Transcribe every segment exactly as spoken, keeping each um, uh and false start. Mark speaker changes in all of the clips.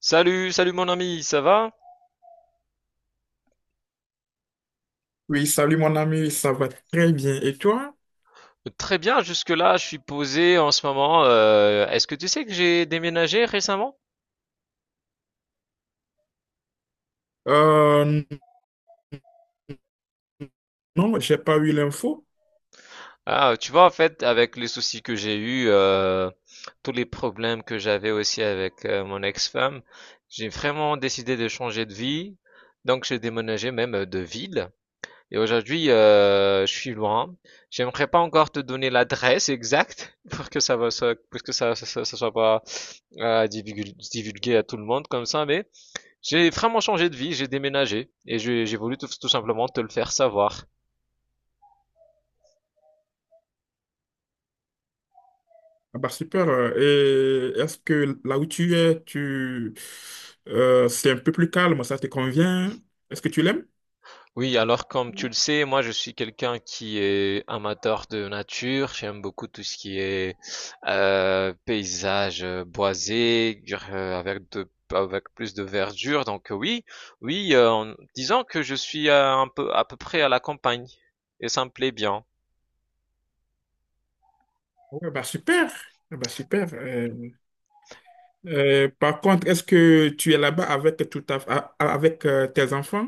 Speaker 1: Salut, salut mon ami, ça va?
Speaker 2: Oui, salut mon ami, ça va très bien. Et toi?
Speaker 1: Très bien, jusque-là, je suis posé en ce moment. Euh, est-ce que tu sais que j'ai déménagé récemment?
Speaker 2: Euh, non, j'ai pas eu l'info.
Speaker 1: Ah, tu vois, en fait, avec les soucis que j'ai eus, euh, tous les problèmes que j'avais aussi avec euh, mon ex-femme, j'ai vraiment décidé de changer de vie. Donc, j'ai déménagé même euh, de ville. Et aujourd'hui, euh, je suis loin. J'aimerais pas encore te donner l'adresse exacte pour que ça va, ça- pour que ça, ça, ça- ça soit pas euh, divulgu- divulgué à tout le monde comme ça. Mais j'ai vraiment changé de vie, j'ai déménagé et j'ai j'ai voulu tout, tout simplement te le faire savoir.
Speaker 2: Ah bah super. Euh, Et est-ce que là où tu es, tu euh, c'est un peu plus calme, ça te convient? Est-ce que tu l'aimes?
Speaker 1: Oui, alors comme tu le sais, moi je suis quelqu'un qui est amateur de nature, j'aime beaucoup tout ce qui est euh, paysage euh, boisé, euh, avec de avec plus de verdure. Donc euh, oui, oui, euh, en disant que je suis euh, un peu à peu près à la campagne et ça me plaît bien.
Speaker 2: Oui, bah super. Ah bah super. Euh, euh, par contre, est-ce que tu es là-bas avec tout ta- a- avec euh, tes enfants?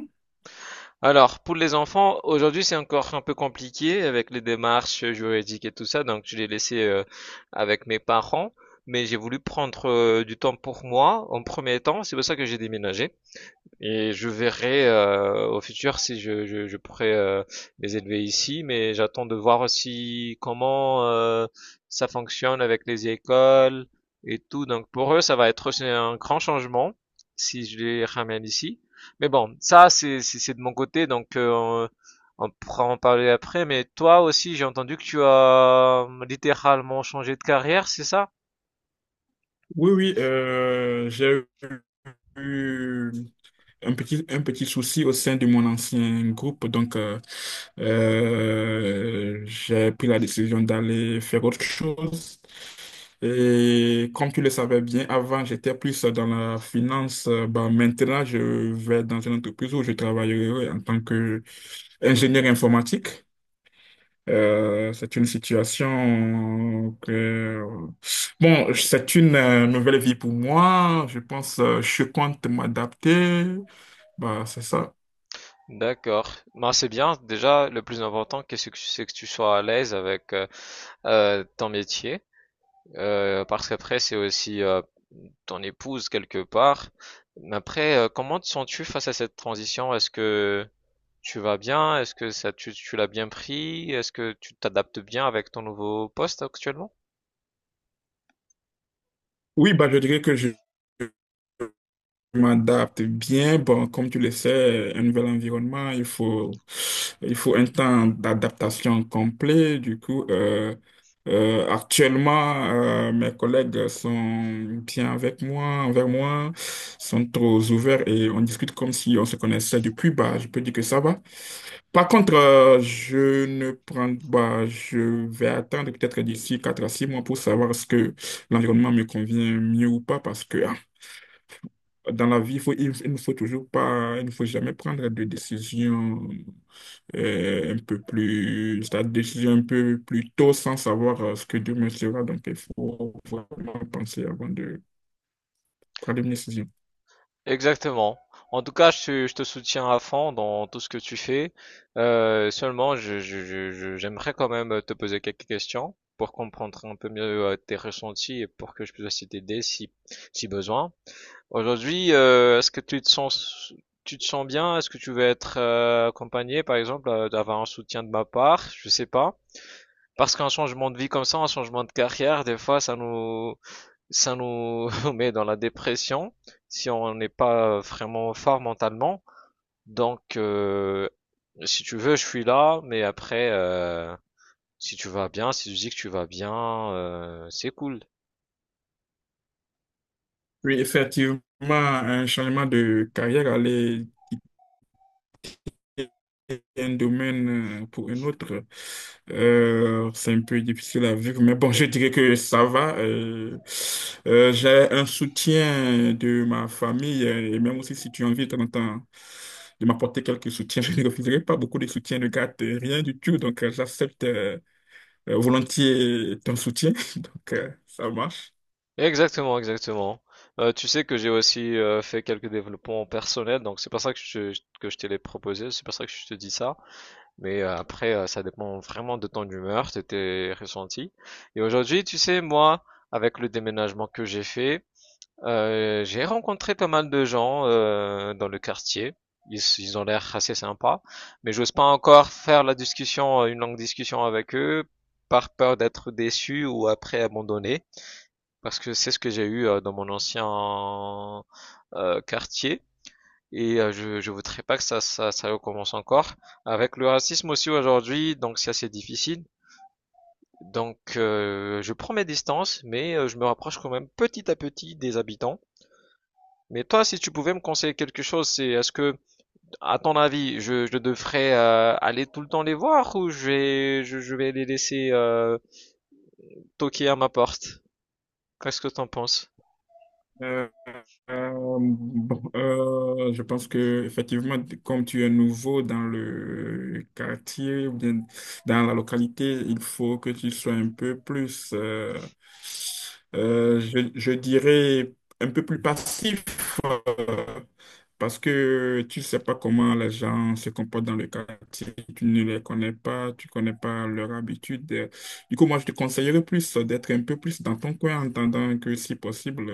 Speaker 1: Alors, pour les enfants, aujourd'hui, c'est encore un peu compliqué avec les démarches juridiques et tout ça, donc je l'ai laissé euh, avec mes parents, mais j'ai voulu prendre euh, du temps pour moi en premier temps, c'est pour ça que j'ai déménagé. Et je verrai euh, au futur si je, je, je pourrais euh, les élever ici, mais j'attends de voir aussi comment euh, ça fonctionne avec les écoles et tout. Donc pour eux, ça va être aussi un grand changement si je les ramène ici. Mais bon, ça c'est c'est c'est de mon côté, donc euh, on, on pourra en parler après. Mais toi aussi, j'ai entendu que tu as euh, littéralement changé de carrière, c'est ça?
Speaker 2: Oui, oui, euh, j'ai eu un petit, un petit souci au sein de mon ancien groupe, donc euh, euh, j'ai pris la décision d'aller faire autre chose. Et comme tu le savais bien, avant j'étais plus dans la finance. Euh, bah, maintenant je vais dans une entreprise où je travaillerai en tant qu'ingénieur informatique. Euh, c'est une situation que... Bon, c'est une euh, nouvelle vie pour moi. Je pense, euh, je compte m'adapter. Bah, c'est ça.
Speaker 1: D'accord. Ben, c'est bien. Déjà, le plus important, qu'est-ce que c'est que tu sois à l'aise avec euh, euh, ton métier, euh, parce qu'après, c'est aussi euh, ton épouse quelque part. Mais après, euh, comment te sens-tu face à cette transition? Est-ce que tu vas bien? Est-ce que ça, tu, tu l'as bien pris? Est-ce que tu t'adaptes bien avec ton nouveau poste actuellement?
Speaker 2: Oui, bah, je dirais que je... Je m'adapte bien. Bon, comme tu le sais, un nouvel environnement, il faut, il faut un temps d'adaptation complet. Du coup, euh, euh, actuellement, euh, mes collègues sont bien avec moi, envers moi, sont trop ouverts et on discute comme si on se connaissait depuis. Bah, je peux dire que ça va. Par contre, euh, je ne prends pas, je vais attendre peut-être d'ici quatre à six mois pour savoir ce que l'environnement me convient mieux ou pas, parce que dans la vie, il faut, il, il ne faut toujours pas, il ne faut jamais prendre de décision euh, un peu plus, c'est-à-dire décision un peu plus tôt sans savoir euh, ce que demain sera. Donc, il faut vraiment penser avant de prendre une décision.
Speaker 1: Exactement. En tout cas, je, te je te soutiens à fond dans tout ce que tu fais. Euh, seulement, je, je, je, je- j'aimerais quand même te poser quelques questions pour comprendre un peu mieux euh, tes ressentis et pour que je puisse aussi t'aider si, si besoin. Aujourd'hui, euh, est-ce que tu te sens, tu te sens bien? Est-ce que tu veux être euh, accompagné, par exemple, euh, d'avoir un soutien de ma part? Je sais pas. Parce qu'un changement de vie comme ça, un changement de carrière, des fois, ça nous, ça nous met dans la dépression si on n'est pas vraiment fort mentalement. Donc, euh, si tu veux, je suis là, mais après, euh, si tu vas bien, si tu dis que tu vas bien, euh, c'est cool.
Speaker 2: Oui, effectivement, un changement de carrière allait d'un domaine euh, pour un autre, euh, c'est un peu difficile à vivre. Mais bon, je dirais que ça va. Euh, euh, j'ai un soutien de ma famille, euh, et même aussi, si tu as envie de temps en temps de m'apporter quelques soutiens, je ne refuserai pas beaucoup de soutien de garde, euh, rien du tout. Donc, euh, j'accepte euh, euh, volontiers ton soutien. Donc, euh, ça marche.
Speaker 1: Exactement, exactement. Euh, tu sais que j'ai aussi euh, fait quelques développements personnels, donc c'est pas ça que je, que je te les proposé, c'est pas ça que je te dis ça. Mais euh, après, euh, ça dépend vraiment de ton humeur, de tes ressentis. Et aujourd'hui, tu sais, moi, avec le déménagement que j'ai fait, Euh, j'ai rencontré pas mal de gens euh, dans le quartier. Ils, ils ont l'air assez sympas, mais j'ose pas encore faire la discussion, une longue discussion avec eux, par peur d'être déçu ou après abandonné, parce que c'est ce que j'ai eu euh, dans mon ancien euh, quartier. Et euh, je, je voudrais pas que ça, ça, ça recommence encore. Avec le racisme aussi aujourd'hui, donc c'est assez difficile. Donc euh, je prends mes distances, mais euh, je me rapproche quand même petit à petit des habitants. Mais toi, si tu pouvais me conseiller quelque chose, c'est est-ce que, à ton avis, je, je devrais euh, aller tout le temps les voir, ou je vais, je, je vais les laisser euh, toquer à ma porte? Qu'est-ce que t'en penses?
Speaker 2: Euh, euh, bon, euh, je pense que effectivement, comme tu es nouveau dans le quartier ou bien dans la localité, il faut que tu sois un peu plus, euh, euh, je, je dirais, un peu plus passif, parce que tu sais pas comment les gens se comportent dans le quartier, tu ne les connais pas, tu connais pas leurs habitudes. Du coup, moi, je te conseillerais plus d'être un peu plus dans ton coin en attendant que si possible.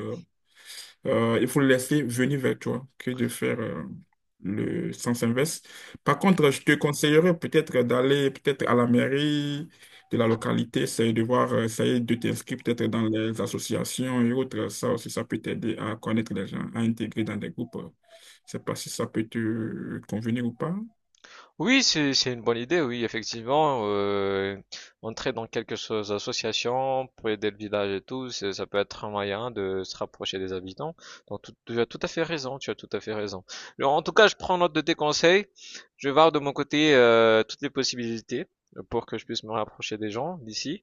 Speaker 2: Euh, il faut le laisser venir vers toi que de faire euh, le sens inverse. Par contre, je te conseillerais peut-être d'aller peut-être à la mairie de la localité, essayer de voir, euh, essayer de t'inscrire peut-être dans les associations et autres. Ça aussi, ça peut t'aider à connaître les gens, à intégrer dans des groupes. Je sais pas si ça peut te convenir ou pas.
Speaker 1: Oui, c'est c'est une bonne idée, oui, effectivement. Euh, entrer dans quelques so- associations pour aider le village et tout, c'est- ça peut être un moyen de se rapprocher des habitants. Donc tout- tu as tout à fait raison, tu as tout à fait raison. Alors, en tout cas, je prends note de tes conseils. Je vais voir de mon côté euh, toutes les possibilités pour que je puisse me rapprocher des gens d'ici.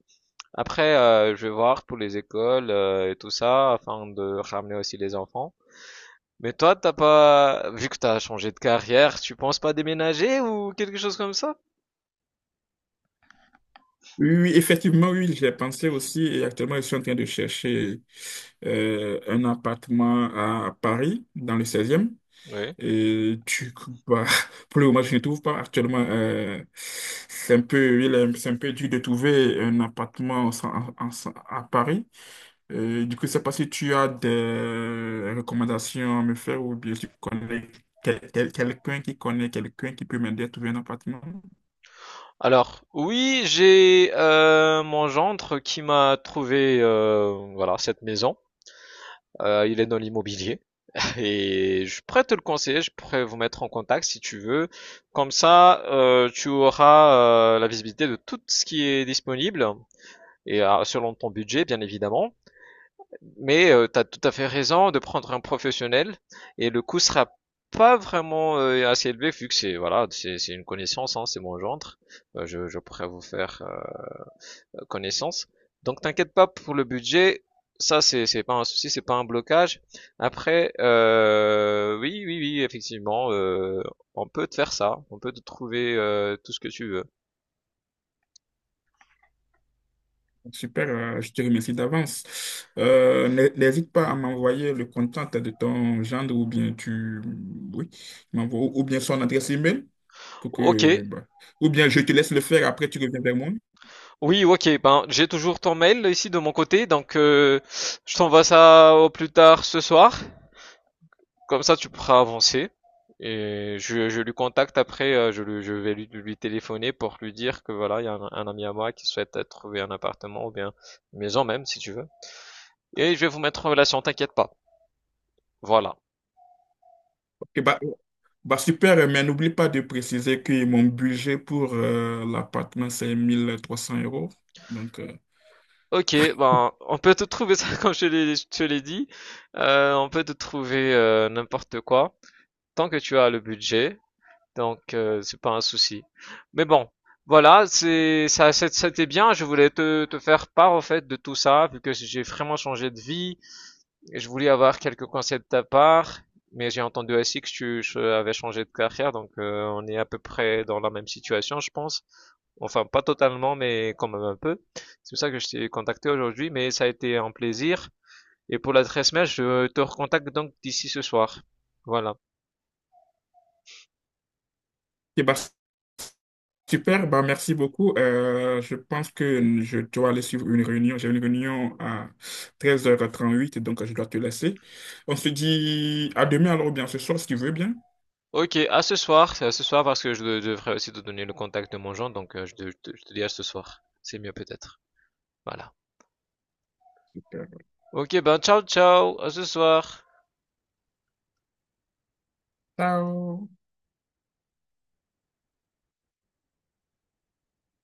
Speaker 1: Après, euh, je vais voir pour les écoles euh, et tout ça, afin de ramener aussi les enfants. Mais toi, t'as pas, vu que t'as changé de carrière, tu penses pas déménager ou quelque chose comme ça?
Speaker 2: Oui, oui, effectivement, oui, j'ai pensé aussi, et actuellement, je suis en train de chercher euh, un appartement à Paris, dans le seizième.
Speaker 1: Oui.
Speaker 2: Et tu, bah, pour le moment, je ne trouve pas actuellement. Euh, c'est un peu, il est- c'est un peu dur de trouver un appartement en- en- en- à Paris. Euh, du coup, je ne sais pas si tu as des recommandations à me faire ou bien si tu connais quel- quel- quelqu'un qui connaît quelqu'un qui peut m'aider à trouver un appartement.
Speaker 1: Alors, oui, j'ai euh, mon gendre qui m'a trouvé euh, voilà cette maison. Euh, il est dans l'immobilier et je pourrais te le conseiller. Je pourrais vous mettre en contact si tu veux. Comme ça, euh, tu auras euh, la visibilité de tout ce qui est disponible et euh, selon ton budget, bien évidemment. Mais tu as tout à fait raison de prendre un professionnel, et le coût sera pas vraiment euh, assez élevé vu que c'est voilà, c'est c'est une connaissance, hein, c'est mon gendre. Euh, je, je pourrais vous faire euh, connaissance. Donc t'inquiète pas pour le budget, ça c'est c'est pas un souci, c'est pas un blocage. Après, euh, oui oui oui, effectivement, euh, on peut te faire ça, on peut te trouver euh, tout ce que tu veux.
Speaker 2: Super, euh, je te remercie d'avance. Euh, n'hé- n'hésite pas à m'envoyer le contact de ton gendre ou bien tu, oui, m'envoies ou ou bien son adresse email pour
Speaker 1: Ok,
Speaker 2: que, bah, ou bien je te laisse le faire après tu reviens vers moi.
Speaker 1: oui ok, ben j'ai toujours ton mail ici de mon côté, donc euh, je t'envoie ça au plus tard ce soir. Comme ça, tu pourras avancer. Et je, je lui contacte après. euh, je, lui- je vais lui, lui téléphoner pour lui dire que voilà, il y a un, un ami à moi qui souhaite euh, trouver un appartement ou bien une maison même, si tu veux. Et je vais vous mettre en relation, t'inquiète pas. Voilà.
Speaker 2: Ok, bah, bah super, euh, mais n'oublie pas de préciser que mon budget pour euh, l'appartement, c'est mille trois cents euros. Donc, euh,
Speaker 1: Ok, ben, on peut te trouver ça comme je te l'ai, je te l'ai dit. Euh, on peut te trouver euh, n'importe quoi. Tant que tu as le budget, donc, euh, c'est pas un souci. Mais bon, voilà, c'est ça, c'est- c'était bien. Je voulais te, te faire part au fait de tout ça, vu que j'ai vraiment changé de vie. Et je voulais avoir quelques conseils de ta part, mais j'ai entendu aussi que tu je- avais changé de carrière, donc euh, on est à peu près dans la même situation, je pense. Enfin, pas totalement, mais quand même un peu. C'est pour ça que je t'ai contacté aujourd'hui, mais ça a été un plaisir. Et pour l'adresse mail, je te recontacte donc d'ici ce soir. Voilà.
Speaker 2: et bah, super, bah, merci beaucoup. Euh, je pense que je dois aller suivre une réunion. J'ai une réunion à treize heures trente huit, donc je dois te laisser. On se dit à demain, alors, ou bien ce soir, si tu veux bien.
Speaker 1: Ok, à ce soir, à ce soir, parce que je de- devrais aussi te donner le contact de mon jean, donc euh, je te, je te- je te dis à ce soir. C'est mieux peut-être. Voilà.
Speaker 2: Super.
Speaker 1: Ok, ben ciao ciao, à ce soir.
Speaker 2: Ciao.